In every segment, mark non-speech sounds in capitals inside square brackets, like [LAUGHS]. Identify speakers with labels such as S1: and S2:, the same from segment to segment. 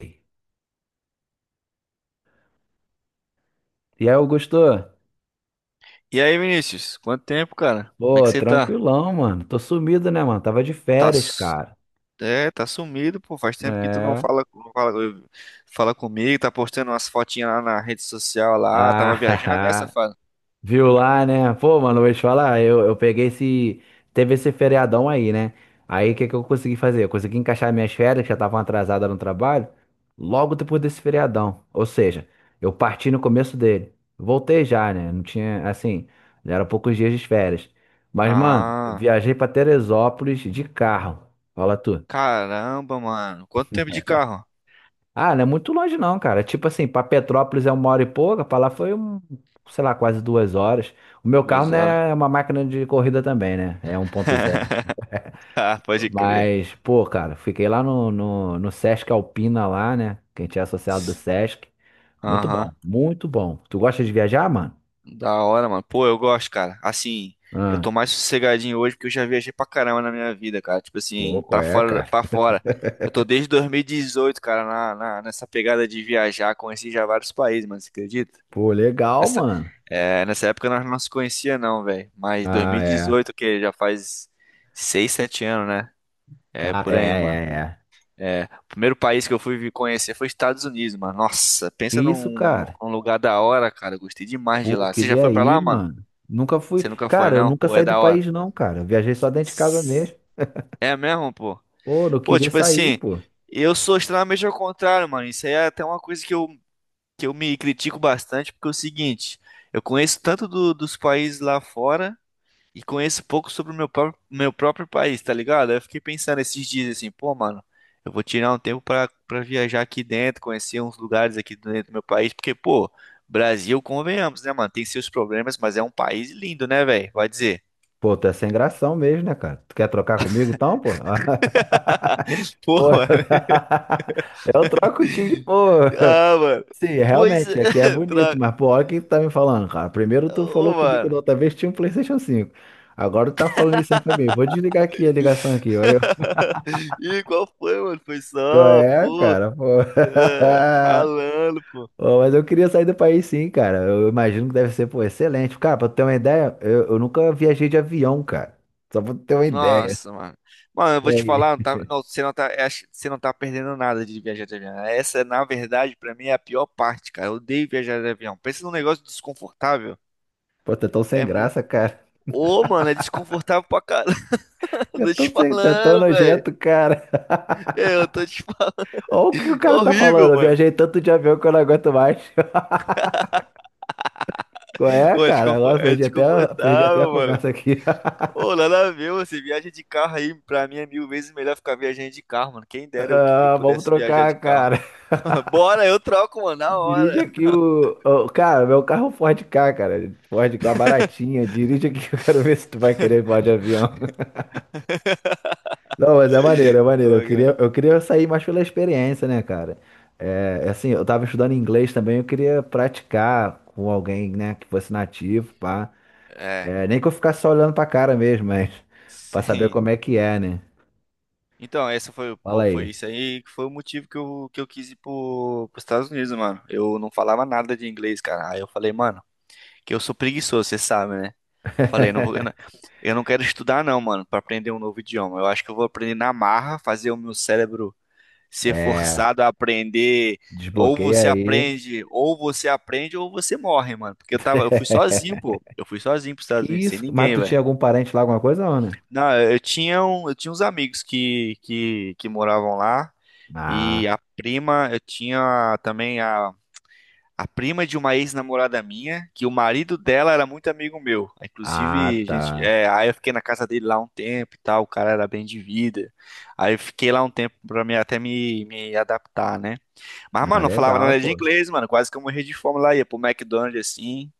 S1: E aí, Augusto?
S2: E aí, Vinícius? Quanto tempo, cara? Como é que
S1: Pô,
S2: você tá?
S1: tranquilão, mano. Tô sumido, né, mano? Tava de
S2: Tá,
S1: férias,
S2: su-
S1: cara.
S2: tá sumido, pô. Faz tempo que tu não
S1: É.
S2: fala, não fala, eh, fala comigo, tá postando umas fotinhas lá na rede social lá, tava viajando dessa
S1: Ah,
S2: fase.
S1: [LAUGHS] viu lá, né? Pô, mano, vou te falar, eu peguei esse. Teve esse feriadão aí, né? Aí o que que eu consegui fazer? Eu consegui encaixar minhas férias, que já estavam atrasadas no trabalho, logo depois desse feriadão. Ou seja, eu parti no começo dele. Voltei já, né? Não tinha, assim, já eram poucos dias de férias. Mas, mano,
S2: Ah,
S1: viajei pra Teresópolis de carro. Fala tu.
S2: caramba, mano. Quanto tempo de carro?
S1: Ah, não é muito longe não, cara. É tipo assim, pra Petrópolis é uma hora e pouca, pra lá foi um, sei lá, quase 2 horas. O meu carro
S2: Duas
S1: não
S2: horas.
S1: é uma máquina de corrida também, né? É 1.0.
S2: [LAUGHS] Ah, pode crer.
S1: Mas, pô, cara, fiquei lá no Sesc Alpina lá, né? Que a gente é associado do Sesc. Muito
S2: Aham.
S1: bom, muito bom. Tu gosta de viajar, mano?
S2: Da hora, mano. Pô, eu gosto, cara. Assim, eu
S1: Ah,
S2: tô mais sossegadinho hoje porque eu já viajei pra caramba na minha vida, cara. Tipo
S1: pô,
S2: assim,
S1: qual
S2: pra
S1: é,
S2: fora,
S1: cara?
S2: pra fora. Eu tô desde 2018, cara, nessa pegada de viajar. Conheci já vários países, mano, você acredita?
S1: Pô, legal,
S2: Nessa,
S1: mano.
S2: nessa época nós não se conhecia, não, velho. Mas
S1: Ah, é.
S2: 2018, que já faz 6 7 anos, né? É,
S1: Cara, é,
S2: por aí, mano.
S1: é, é.
S2: É, o primeiro país que eu fui conhecer foi Estados Unidos, mano. Nossa,
S1: Que
S2: pensa
S1: isso,
S2: num,
S1: cara?
S2: num lugar da hora, cara. Eu gostei demais de
S1: Pô,
S2: lá. Você já
S1: queria
S2: foi pra
S1: ir,
S2: lá, mano?
S1: mano. Nunca fui.
S2: Você nunca foi,
S1: Cara, eu
S2: não?
S1: nunca
S2: Pô, é
S1: saí do
S2: da hora.
S1: país, não, cara. Eu viajei só dentro de casa
S2: S-
S1: mesmo.
S2: É mesmo, pô?
S1: Pô, não
S2: Pô,
S1: queria
S2: tipo
S1: sair,
S2: assim,
S1: pô.
S2: eu sou extremamente ao contrário, mano. Isso aí é até uma coisa que eu me critico bastante, porque é o seguinte, eu conheço tanto dos países lá fora e conheço pouco sobre o meu próprio país, tá ligado? Aí eu fiquei pensando esses dias assim, pô, mano, eu vou tirar um tempo pra viajar aqui dentro, conhecer uns lugares aqui dentro do meu país, porque, pô, Brasil, convenhamos, né, mano? Tem seus problemas, mas é um país lindo, né, velho? Vai dizer.
S1: Pô, tu é sem gração mesmo, né, cara? Tu quer trocar comigo então, pô? [LAUGHS]
S2: [LAUGHS] Pô,
S1: Pô,
S2: mano.
S1: [LAUGHS] eu troco contigo de pô.
S2: Ah, mano.
S1: Sim,
S2: Pois
S1: realmente,
S2: é,
S1: aqui é
S2: [LAUGHS]
S1: bonito,
S2: tra...
S1: mas pô, olha o que tu tá me falando, cara. Primeiro tu
S2: Ô,
S1: falou comigo da
S2: mano.
S1: outra vez que tinha um PlayStation 5. Agora tu tá falando isso aí pra mim. Vou desligar aqui a ligação aqui, olha.
S2: [LAUGHS] Ih, qual foi, mano? Foi
S1: Qual
S2: só,
S1: é,
S2: pô,
S1: cara? Pô.
S2: ralando, pô.
S1: [LAUGHS] Ô, mas eu queria sair do país sim, cara. Eu imagino que deve ser, pô, excelente. Cara, pra tu ter uma ideia, eu nunca viajei de avião, cara. Só pra tu ter uma ideia.
S2: Nossa, mano. Mano, eu
S1: E
S2: vou te
S1: aí?
S2: falar, você não tá perdendo nada de viajar de avião. Essa, na verdade, pra mim é a pior parte, cara. Eu odeio viajar de avião. Pensa num negócio desconfortável.
S1: Pô, tá tão sem
S2: É muito.
S1: graça, cara. [LAUGHS]
S2: Ô, mano, é desconfortável pra caramba. [LAUGHS]
S1: Tá
S2: Tô te
S1: tão, sem, tá tão
S2: falando, velho.
S1: nojento, cara.
S2: É, eu tô te falando.
S1: Olha o que o
S2: É
S1: cara tá
S2: horrível,
S1: falando. Eu
S2: mano.
S1: viajei tanto de avião que eu não aguento mais. [LAUGHS] Qual é,
S2: Ô, é
S1: cara?
S2: desconfo-
S1: Agora eu
S2: é
S1: perdi até a
S2: desconfortável, mano.
S1: conversa aqui. [LAUGHS]
S2: Ô, nada a ver, você viaja de carro aí, pra mim é mil vezes melhor ficar viajando de carro, mano. Quem dera eu
S1: Ah, vamos
S2: pudesse viajar de
S1: trocar,
S2: carro.
S1: cara.
S2: [LAUGHS] Bora, eu troco, mano, na
S1: Dirige
S2: hora.
S1: aqui Cara, meu carro é um Ford Ka, cara. Ford Ka baratinha. Dirige aqui que eu quero ver se tu vai querer voar de avião. Não, mas é maneiro, é
S2: Pô,
S1: maneiro. Eu
S2: cara.
S1: queria, eu queria sair mais pela experiência, né, cara? é assim, eu tava estudando inglês também, eu queria praticar com alguém, né, que fosse nativo, pá.
S2: É,
S1: É, nem que eu ficasse só olhando pra cara mesmo, mas [LAUGHS] pra saber
S2: sim.
S1: como é que é, né?
S2: Então, essa foi, pô,
S1: Fala
S2: foi
S1: aí.
S2: isso aí que foi o motivo que eu quis ir pros Estados Unidos, mano. Eu não falava nada de inglês, cara. Aí eu falei, mano, que eu sou preguiçoso, você sabe, né? Falei, não vou, eu não quero estudar não, mano, pra aprender um novo idioma. Eu acho que eu vou aprender na marra, fazer o meu cérebro ser
S1: É,
S2: forçado a aprender. Ou
S1: desbloqueia
S2: você
S1: aí.
S2: aprende, ou você aprende, ou você morre, mano. Porque eu fui sozinho,
S1: [LAUGHS]
S2: pô. Eu fui sozinho pros
S1: Que
S2: Estados Unidos, sem
S1: isso? Mas
S2: ninguém,
S1: tu
S2: velho.
S1: tinha algum parente lá, alguma coisa, ou não?
S2: Não, eu tinha uns amigos que moravam lá. E
S1: Ah,
S2: a prima, eu tinha também a prima de uma ex-namorada minha, que o marido dela era muito amigo meu.
S1: ah,
S2: Inclusive, gente,
S1: tá.
S2: aí eu fiquei na casa dele lá um tempo e tal. O cara era bem de vida. Aí eu fiquei lá um tempo até me adaptar, né? Mas,
S1: Ah,
S2: mano, não falava
S1: legal,
S2: nada de
S1: pô.
S2: inglês, mano. Quase que eu morri de fome lá. Ia pro McDonald's assim.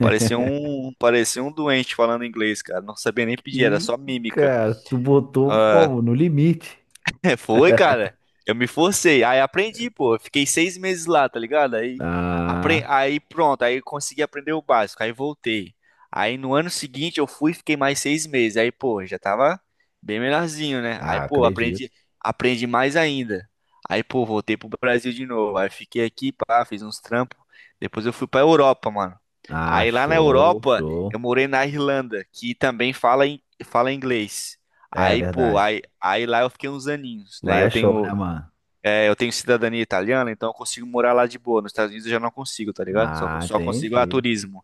S2: Parecia um, parecia um doente falando inglês, cara. Não sabia nem pedir, era
S1: Que,
S2: só mímica.
S1: cara, tu botou
S2: Ah,
S1: como? No limite.
S2: [LAUGHS] Foi,
S1: [LAUGHS]
S2: cara. Eu me forcei. Aí aprendi, pô. Eu fiquei 6 meses lá, tá ligado? Aí,
S1: Ah.
S2: aí pronto. Aí eu consegui aprender o básico. Aí voltei. Aí no ano seguinte eu fui e fiquei mais 6 meses. Aí, pô, já tava bem melhorzinho, né? Aí,
S1: Ah,
S2: pô,
S1: acredito.
S2: aprendi mais ainda. Aí, pô, voltei pro Brasil de novo. Aí fiquei aqui, pá, fiz uns trampos. Depois eu fui pra Europa, mano.
S1: Ah,
S2: Aí lá na
S1: show,
S2: Europa eu
S1: show.
S2: morei na Irlanda, que também fala inglês.
S1: É
S2: Aí, pô,
S1: verdade.
S2: aí lá eu fiquei uns aninhos, né?
S1: Lá
S2: Eu
S1: é show, né,
S2: tenho,
S1: mano?
S2: é, eu tenho cidadania italiana, então eu consigo morar lá de boa. Nos Estados Unidos eu já não consigo, tá ligado? Só,
S1: Ah,
S2: só consigo a
S1: entendi.
S2: turismo.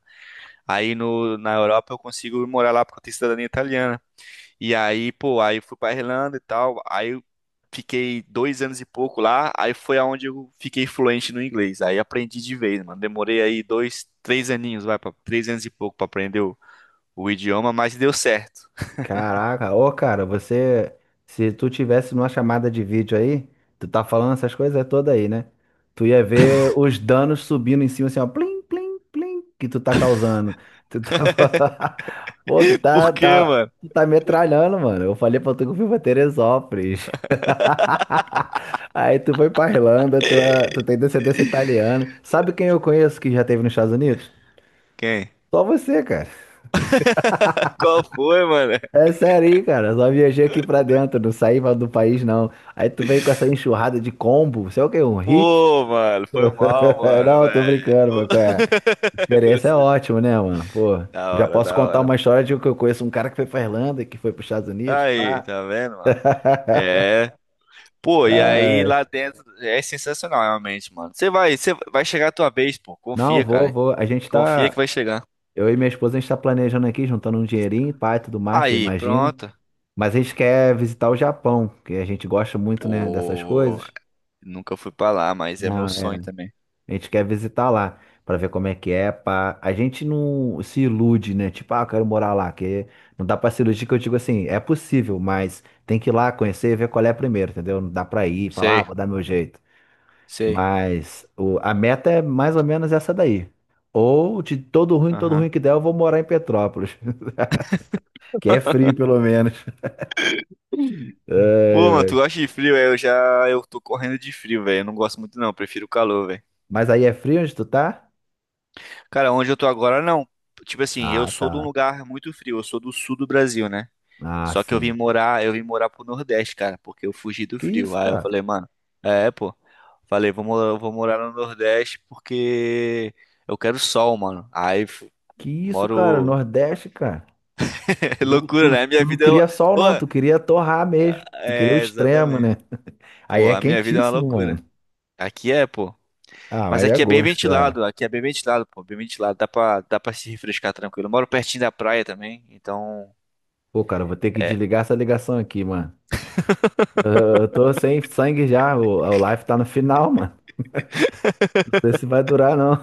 S2: Aí no, na Europa eu consigo morar lá porque eu tenho cidadania italiana. E aí, pô, aí eu fui pra Irlanda e tal. Aí eu fiquei 2 anos e pouco lá. Aí foi aonde eu fiquei fluente no inglês. Aí aprendi de vez, mano. Demorei aí dois, três aninhos, vai, 3 anos e pouco pra aprender o idioma, mas deu certo.
S1: Caraca, ô, cara, você. Se tu tivesse numa chamada de vídeo aí, tu tá falando essas coisas todas aí, né? Tu ia ver os danos subindo em cima, assim, ó, plim, plim, plim, que tu tá causando. Tu tava. [LAUGHS] Pô, tu
S2: [LAUGHS]
S1: tá,
S2: Por quê,
S1: tá,
S2: mano?
S1: tu tá metralhando, mano. Eu falei pra tu que eu fui pra Teresópolis. [LAUGHS] Aí tu foi pra Irlanda, tu tem descendência italiana. Sabe quem eu conheço que já teve nos Estados Unidos?
S2: Quem?
S1: Só você, cara.
S2: Qual foi, mano?
S1: É sério aí, cara. Só viajei aqui pra dentro, não saí do país, não. Aí tu veio com essa enxurrada de combo. Você é o quê? Um hit?
S2: Pô, mano, foi mal,
S1: [LAUGHS]
S2: mano,
S1: Não, tô
S2: velho.
S1: brincando, mano. Qual é? Experiência é
S2: [LAUGHS]
S1: ótima, né, mano? Pô,
S2: Da
S1: eu já
S2: hora,
S1: posso
S2: da
S1: contar uma
S2: hora.
S1: história de que eu conheço um cara que foi pra Irlanda, que foi pros Estados Unidos.
S2: Aí,
S1: Pá.
S2: tá vendo, mano?
S1: [LAUGHS]
S2: É. Pô, e aí lá
S1: Ai.
S2: dentro é sensacional, realmente, mano. Você vai chegar a tua vez, pô.
S1: Não,
S2: Confia,
S1: vou,
S2: cara.
S1: vou. A gente
S2: Confia que
S1: tá.
S2: vai chegar.
S1: Eu e minha esposa, a gente está planejando aqui, juntando um dinheirinho, pai, tudo mais, tu
S2: Aí,
S1: imagina.
S2: pronto.
S1: Mas a gente quer visitar o Japão, que a gente gosta muito, né, dessas
S2: Pô,
S1: coisas.
S2: nunca fui pra lá, mas é meu
S1: Não, é,
S2: sonho também.
S1: a gente quer visitar lá, para ver como é que é, pá. A gente não se ilude, né? Tipo, ah, eu quero morar lá, que não dá para se iludir, que eu digo assim, é possível, mas tem que ir lá conhecer e ver qual é primeiro, entendeu? Não dá para ir e falar, ah,
S2: Sei,
S1: vou dar meu jeito.
S2: sei.
S1: Mas a meta é mais ou menos essa daí. Ou de todo ruim
S2: Aham.
S1: que der, eu vou morar em Petrópolis. Que é frio, pelo menos. [LAUGHS] Ai,
S2: Pô, mano, tu
S1: ai.
S2: gosta de frio, é? Eu tô correndo de frio, velho. Eu não gosto muito, não. Eu prefiro o calor, velho.
S1: Mas aí é frio onde tu tá?
S2: Cara, onde eu tô agora, não. Tipo assim, eu
S1: Ah,
S2: sou de um
S1: tá.
S2: lugar muito frio, eu sou do sul do Brasil, né?
S1: Ah,
S2: Só que eu vim
S1: sim.
S2: morar, eu vim morar pro Nordeste, cara, porque eu fugi do
S1: Que
S2: frio.
S1: isso,
S2: Aí eu
S1: cara?
S2: falei, mano, pô. Falei, vou morar no Nordeste porque eu quero sol, mano. Aí
S1: Que isso, cara?
S2: moro.
S1: Nordeste, cara.
S2: [LAUGHS] É
S1: Tu,
S2: loucura,
S1: tu,
S2: né? A minha
S1: tu não
S2: vida é. Uma-
S1: queria sol,
S2: Ô,
S1: não. Tu queria torrar mesmo. Tu queria o
S2: é,
S1: extremo,
S2: exatamente.
S1: né? Aí
S2: Pô,
S1: é
S2: a minha vida é uma
S1: quentíssimo, mano.
S2: loucura. Aqui é, pô.
S1: Ah,
S2: Mas
S1: mas é
S2: aqui é bem
S1: gosto, é.
S2: ventilado, aqui é bem ventilado, pô, bem ventilado. Dá pra se refrescar tranquilo. Eu moro pertinho da praia também, então.
S1: Pô, cara, eu vou ter que desligar essa ligação aqui, mano. Eu tô sem sangue já. O live tá no final, mano. Não sei se vai durar, não.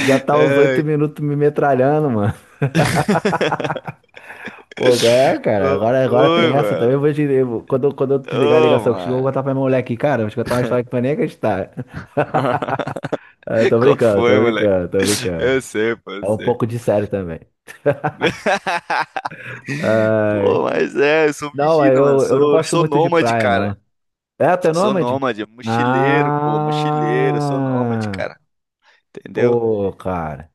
S1: Já tá os oito
S2: Ai,
S1: minutos me metralhando, mano. Pô, agora é, cara,
S2: qual
S1: agora tem
S2: foi,
S1: essa também.
S2: mano?
S1: Eu Vou te, eu- quando, eu- quando eu desligar a
S2: Ô,
S1: ligação contigo, eu vou
S2: mano.
S1: contar pra minha mulher aqui, cara. Vou te contar uma história que tu vai nem acreditar. [LAUGHS]
S2: [LAUGHS]
S1: Ah, tô
S2: Qual
S1: brincando, tô
S2: foi, moleque?
S1: brincando, tô
S2: Eu
S1: brincando.
S2: sei, pô, eu
S1: É um
S2: sei.
S1: pouco de sério também.
S2: [LAUGHS] Pô,
S1: Ai,
S2: mas eu sou
S1: não,
S2: vigido, mano.
S1: eu não
S2: Sou,
S1: gosto
S2: sou
S1: muito de
S2: nômade,
S1: praia, não.
S2: cara.
S1: É, tu é
S2: Sou
S1: nômade?
S2: nômade, mochileiro, pô, mochileiro, sou nômade,
S1: Ah,
S2: cara. Entendeu?
S1: pô, cara.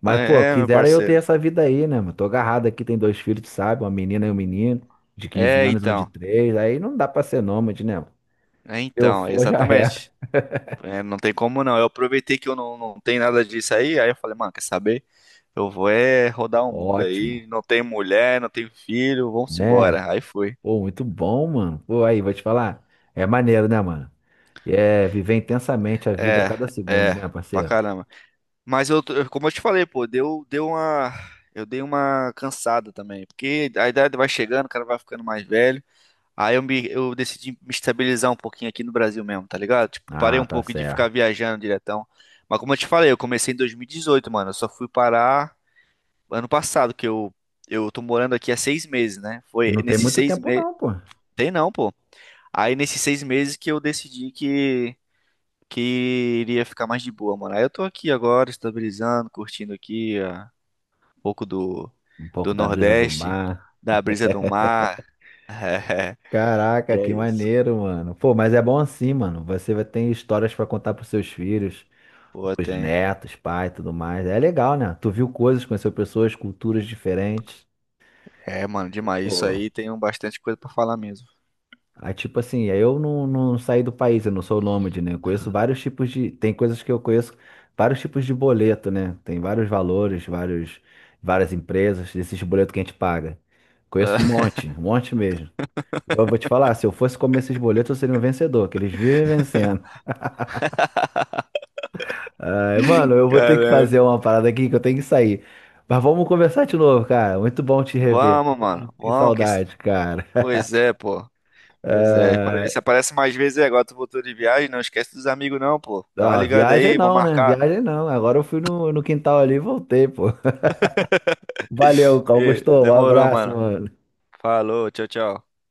S1: Mas, pô,
S2: É, é, meu
S1: quisera eu ter
S2: parceiro.
S1: essa vida aí, né, mano? Tô agarrado aqui, tem dois filhos, tu sabe? Uma menina e um menino, de quinze
S2: É,
S1: anos, um de
S2: então.
S1: 3. Aí não dá pra ser nômade, né? mano?
S2: É,
S1: Se eu
S2: então,
S1: for, já [LAUGHS] era.
S2: exatamente. É, não tem como não. Eu aproveitei que eu não tenho nada disso aí, aí eu falei, mano, quer saber? Eu vou é rodar o mundo aí,
S1: Ótimo,
S2: não tenho mulher, não tenho filho, vamos
S1: né?
S2: embora. Aí foi.
S1: Pô, muito bom, mano. Pô, aí, vou te falar. É maneiro, né, mano? E é viver intensamente a vida a
S2: É,
S1: cada segundo,
S2: é,
S1: né,
S2: pra
S1: parceiro?
S2: caramba. Mas como eu te falei, pô, eu dei uma cansada também, porque a idade vai chegando, o cara vai ficando mais velho. Aí eu decidi me estabilizar um pouquinho aqui no Brasil mesmo, tá ligado? Tipo, parei
S1: Ah,
S2: um
S1: tá
S2: pouco de ficar
S1: certo.
S2: viajando diretão. Mas como eu te falei, eu comecei em 2018, mano. Eu só fui parar ano passado, que eu tô morando aqui há 6 meses, né?
S1: E
S2: Foi
S1: não tem
S2: nesses
S1: muito
S2: seis
S1: tempo,
S2: meses.
S1: não, pô.
S2: Tem não, pô. Aí nesses 6 meses que eu decidi que iria ficar mais de boa, mano. Aí eu tô aqui agora, estabilizando, curtindo aqui ó, um pouco do,
S1: Um pouco
S2: do
S1: da brisa do
S2: Nordeste,
S1: mar.
S2: da brisa do mar. [LAUGHS] E
S1: Caraca,
S2: é
S1: que
S2: isso.
S1: maneiro, mano. Pô, mas é bom assim, mano. Você vai ter histórias pra contar pros seus filhos,
S2: Pô,
S1: pros
S2: tem.
S1: netos, pai e tudo mais. É legal, né? Tu viu coisas, conheceu pessoas, culturas diferentes.
S2: É, mano, demais. Isso
S1: Pô.
S2: aí tem um bastante coisa pra falar mesmo.
S1: Aí, tipo assim, eu não saí do país, eu não sou nômade, né? Eu conheço vários tipos de. Tem coisas que eu conheço, vários tipos de boleto, né? Tem vários valores, várias empresas, desses boletos que a gente paga. Conheço
S2: [LAUGHS]
S1: um monte mesmo. Eu vou te falar, se eu fosse comer esses boletos, eu seria um vencedor, que eles vivem vencendo. Ai, mano, eu vou ter que
S2: Caramba.
S1: fazer uma parada aqui que eu tenho que sair. Mas vamos conversar de novo, cara. Muito bom te rever.
S2: Vamos, mano.
S1: Que
S2: Vamos. Que
S1: saudade, cara.
S2: Pois é, pô. Pois é. Para ver se aparece mais vezes aí. Agora tu voltou de viagem. Não esquece dos amigos, não, pô. Dá uma
S1: Ah,
S2: ligada
S1: viagem
S2: aí. Vamos
S1: não, né?
S2: marcar.
S1: Viagem não. Agora eu fui no quintal ali e voltei, pô. Valeu,
S2: Ê,
S1: Augusto. Um
S2: demorou,
S1: abraço,
S2: mano.
S1: mano.
S2: Falou, tchau, tchau.